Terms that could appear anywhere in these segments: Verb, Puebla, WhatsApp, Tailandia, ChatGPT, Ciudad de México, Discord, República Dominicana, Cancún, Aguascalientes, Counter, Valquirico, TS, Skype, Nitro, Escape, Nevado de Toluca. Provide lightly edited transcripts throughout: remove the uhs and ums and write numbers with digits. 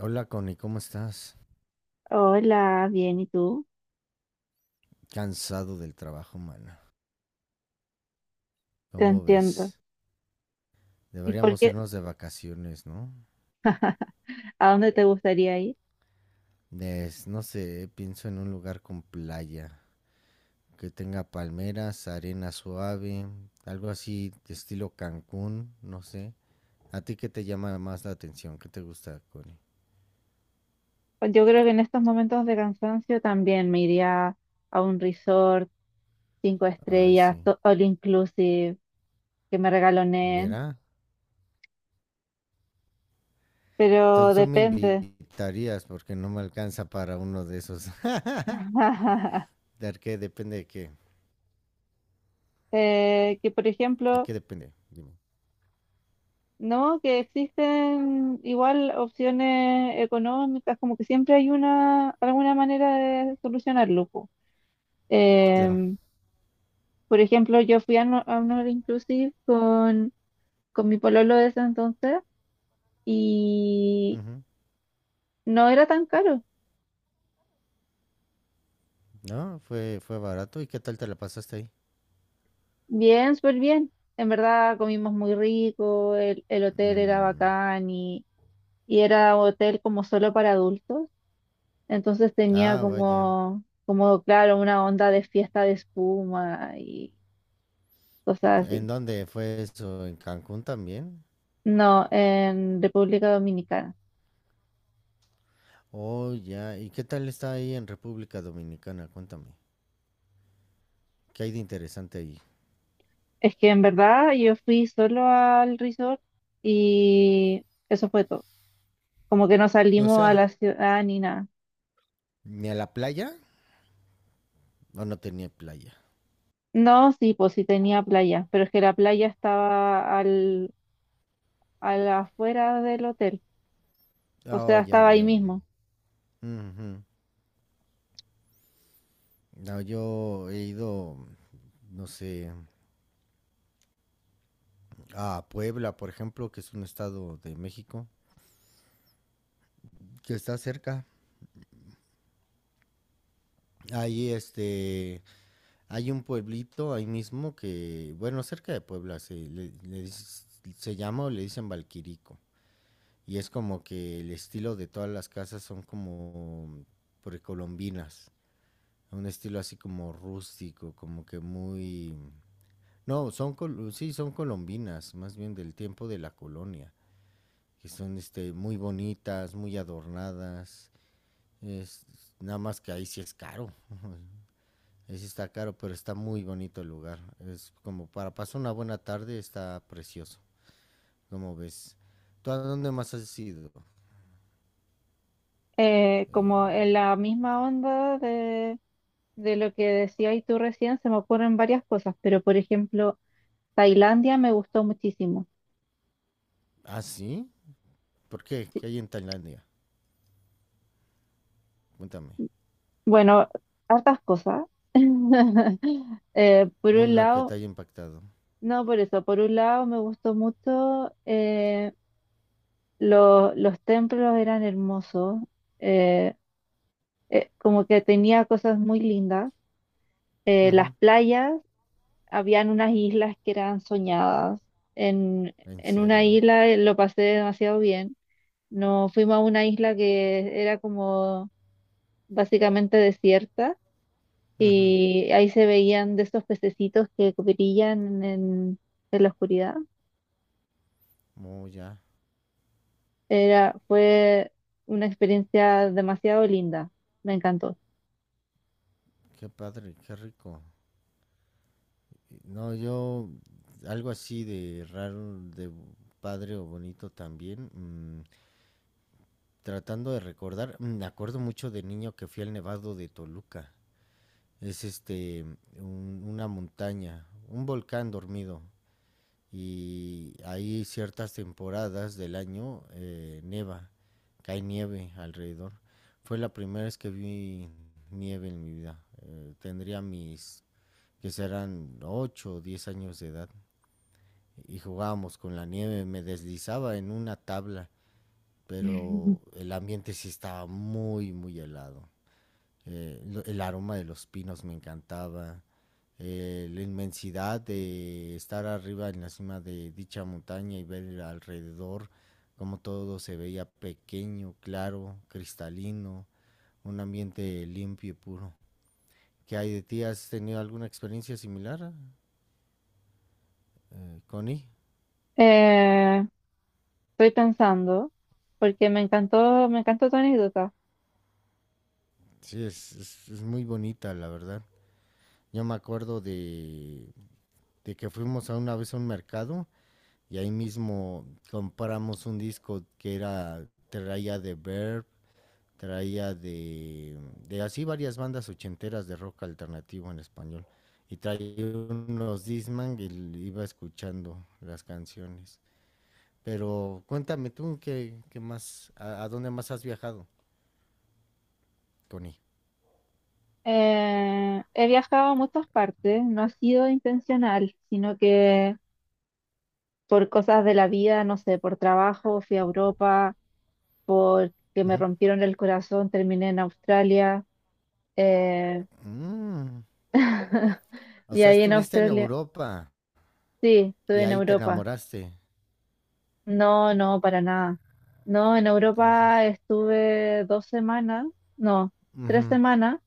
Hola Connie, ¿cómo estás? Hola, bien, ¿y tú? Cansado del trabajo, mana. Te ¿Cómo entiendo. ves? ¿Y por Deberíamos qué? irnos de vacaciones, ¿no? ¿A dónde te gustaría ir? No sé, pienso en un lugar con playa, que tenga palmeras, arena suave, algo así de estilo Cancún, no sé. ¿A ti qué te llama más la atención? ¿Qué te gusta, Connie? Pues yo creo que en estos momentos de cansancio también me iría a un resort, cinco Ay, estrellas, sí. All inclusive, que me regaloneen, Mira, pero entonces tú me depende. invitarías porque no me alcanza para uno de esos. ¿De qué depende de qué? Que por ¿De ejemplo, qué depende? Dime. no, que existen igual opciones económicas, como que siempre hay alguna manera de solucionarlo, po. Claro. Em, Por ejemplo, yo fui a, no- a un All Inclusive con mi pololo de ese entonces y no era tan caro. No, fue barato. ¿Y qué tal te la pasaste ahí? Bien, súper bien. En verdad comimos muy rico, el hotel era Mm, bacán, y era un hotel como solo para adultos. Entonces tenía ah, vaya. Como, claro, una onda de fiesta de espuma y cosas así. ¿En dónde fue eso? ¿En Cancún también? No, en República Dominicana. Oh, ya. ¿Y qué tal está ahí en República Dominicana? Cuéntame. ¿Qué hay de interesante ahí? Es que en verdad yo fui solo al resort y eso fue todo. Como que no O salimos a sea, la ciudad ni nada. ¿ni a la playa? ¿O no tenía playa? No, sí, pues sí tenía playa, pero es que la playa estaba a la afuera del hotel, o Oh, sea, ya estaba ahí veo. mismo. Ujú. No, yo he ido, no sé, a Puebla, por ejemplo, que es un estado de México, que está cerca. Ahí, hay un pueblito ahí mismo que, bueno, cerca de Puebla, se llama o le dicen Valquirico. Y es como que el estilo de todas las casas son como precolombinas. Un estilo así como rústico, como que muy... No, sí, son colombinas, más bien del tiempo de la colonia. Que son muy bonitas, muy adornadas. Es, nada más que ahí sí es caro. Sí está caro, pero está muy bonito el lugar. Es como para pasar una buena tarde, está precioso. ¿Cómo ves? ¿Tú a dónde más has ido? Como en Eh, la misma onda de lo que decías tú recién, se me ocurren varias cosas, pero por ejemplo, Tailandia me gustó muchísimo. ¿Ah, sí? ¿Por qué? Sí, ¿Qué hay en Tailandia? Cuéntame. bueno, hartas cosas. Por un Una que lado. te haya impactado. No, por eso, por un lado me gustó mucho, los templos eran hermosos, eh, como que tenía cosas muy lindas. Las Ujú. playas, habían unas islas que eran soñadas. En, ¿En en una serio? isla lo pasé demasiado bien. Nos fuimos a una isla que era como básicamente desierta Ujú. y ahí se veían de esos pececitos que brillan en la oscuridad. Oh, ya. Fue una experiencia demasiado linda. Me encantó. Qué padre, qué rico. No, yo algo así de raro, de padre o bonito también. Tratando de recordar, me acuerdo mucho de niño que fui al Nevado de Toluca. Es una montaña, un volcán dormido, y hay ciertas temporadas del año, cae nieve alrededor. Fue la primera vez que vi nieve en mi vida. Tendría mis que serán 8 o 10 años de edad y jugábamos con la nieve, me deslizaba en una tabla, pero el ambiente sí estaba muy muy helado. El aroma de los pinos me encantaba, la inmensidad de estar arriba en la cima de dicha montaña y ver alrededor cómo todo se veía pequeño, claro, cristalino, un ambiente limpio y puro. ¿Qué hay de ti? ¿Has tenido alguna experiencia similar, Connie? Eh, estoy pensando, porque me encantó tu anécdota. Sí, es muy bonita, la verdad. Yo me acuerdo de, que fuimos a una vez a un mercado y ahí mismo compramos un disco que era traía de así varias bandas ochenteras de rock alternativo en español y traía unos Disman y iba escuchando las canciones. Pero cuéntame tú qué más, dónde más has viajado, Tony. He viajado a muchas partes, no ha sido intencional, sino que por cosas de la vida, no sé, por trabajo, fui a Europa, que Uh me -huh. rompieron el corazón, terminé en Australia. eh, Mm. O y sea, ahí en estuviste en Australia, Europa sí, estuve y en ahí te Europa. enamoraste. No, no, para nada. No, en Europa Entonces, estuve 2 semanas, no, uh tres -huh. semanas,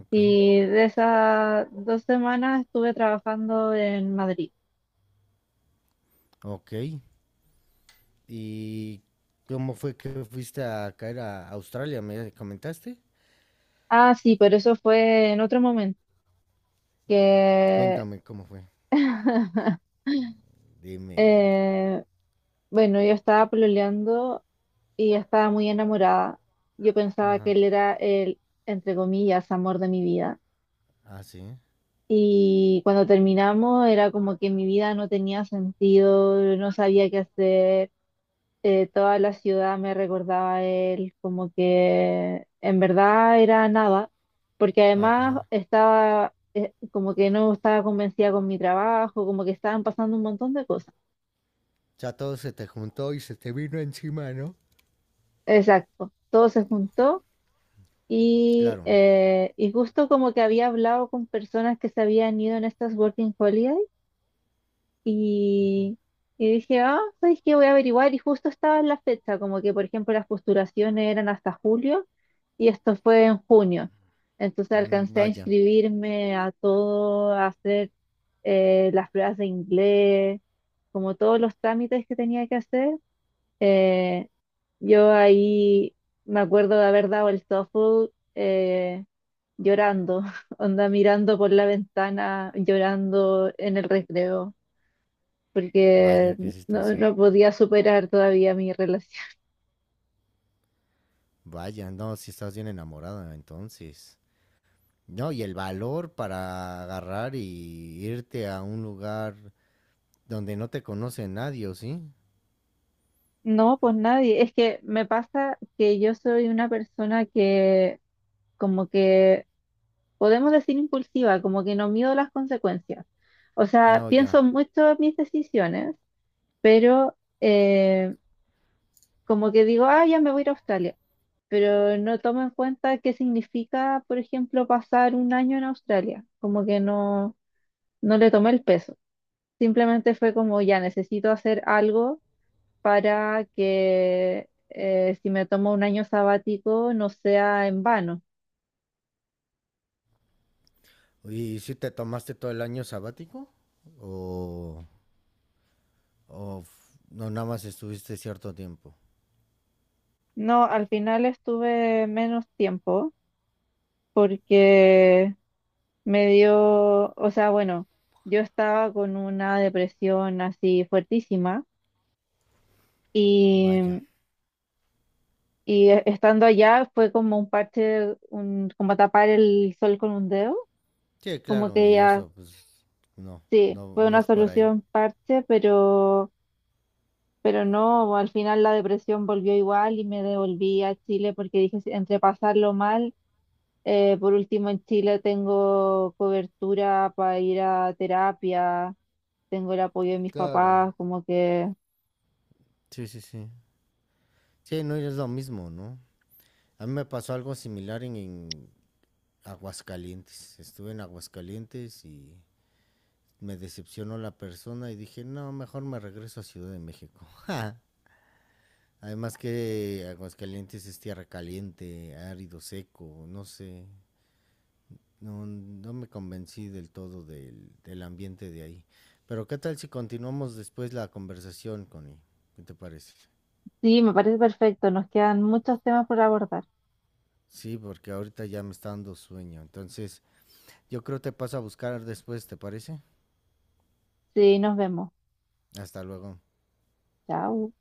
Ok, y de esas 2 semanas estuve trabajando en Madrid. ok. ¿Y cómo fue que fuiste a caer a Australia? ¿Me comentaste? Ah, sí, pero eso fue en otro momento, que Cuéntame cómo fue. Dime. eh, bueno, yo estaba pololeando y estaba muy enamorada. Yo pensaba que Ajá. él era el, entre comillas, amor de mi vida. Ah, sí. Y cuando terminamos era como que mi vida no tenía sentido, no sabía qué hacer, toda la ciudad me recordaba a él, como que en verdad era nada, porque además Ajá. estaba como que no estaba convencida con mi trabajo, como que estaban pasando un montón de cosas. Ya todo se te juntó y se te vino encima, ¿no? Exacto, todo se juntó y, Claro. eh, y justo como que había hablado con personas que se habían ido en estas Working Holidays. Ujú. Y, y dije, ah, ¿sabes qué? Voy a averiguar. Y justo estaba en la fecha, como que, por ejemplo, las postulaciones eran hasta julio y esto fue en junio. Entonces Mm, alcancé a vaya, inscribirme a todo, a hacer las pruebas de inglés, como todos los trámites que tenía que hacer. Eh, yo ahí me acuerdo de haber dado el TOEFL llorando, onda mirando por la ventana, llorando en el recreo porque vaya, qué situación. no podía superar todavía mi relación. Vaya, no, si estás bien enamorada, entonces. No, y el valor para agarrar y irte a un lugar donde no te conoce nadie, ¿o sí? No, pues nadie. Es que me pasa que yo soy una persona que como que, podemos decir impulsiva, como que no mido las consecuencias. O sea, No, ya, pienso mucho en mis decisiones, pero como que digo, ah, ya me voy a ir a Australia. Pero no tomo en cuenta qué significa, por ejemplo, pasar un año en Australia. Como que no le tomé el peso. Simplemente fue como, ya necesito hacer algo para que si me tomo un año sabático no sea en vano. ¿y si te tomaste todo el año sabático? ¿O, no, nada más estuviste cierto tiempo? No, al final estuve menos tiempo porque me dio, o sea, bueno, yo estaba con una depresión así fuertísima Vaya. y, estando allá fue como un parche, como tapar el sol con un dedo, Sí, como claro, que y ya, eso, pues, no, sí, no, fue no una es por ahí. solución parche, pero. Pero no, al final la depresión volvió igual y me devolví a Chile porque dije, entre pasarlo mal, por último en Chile tengo cobertura para ir a terapia, tengo el apoyo de mis Claro. papás, como que Sí, sí, sí. Sí, no es lo mismo, ¿no? A mí me pasó algo similar en, Aguascalientes. Estuve en Aguascalientes y me decepcionó la persona y dije, no, mejor me regreso a Ciudad de México. Además que Aguascalientes es tierra caliente, árido, seco, no sé. No, no me convencí del todo del, ambiente de ahí. Pero ¿qué tal si continuamos después la conversación, Connie? ¿Qué te parece? sí, me parece perfecto. Nos quedan muchos temas por abordar. Sí, porque ahorita ya me está dando sueño. Entonces, yo creo te paso a buscar después, ¿te parece? Sí, nos vemos. Hasta luego. Chao.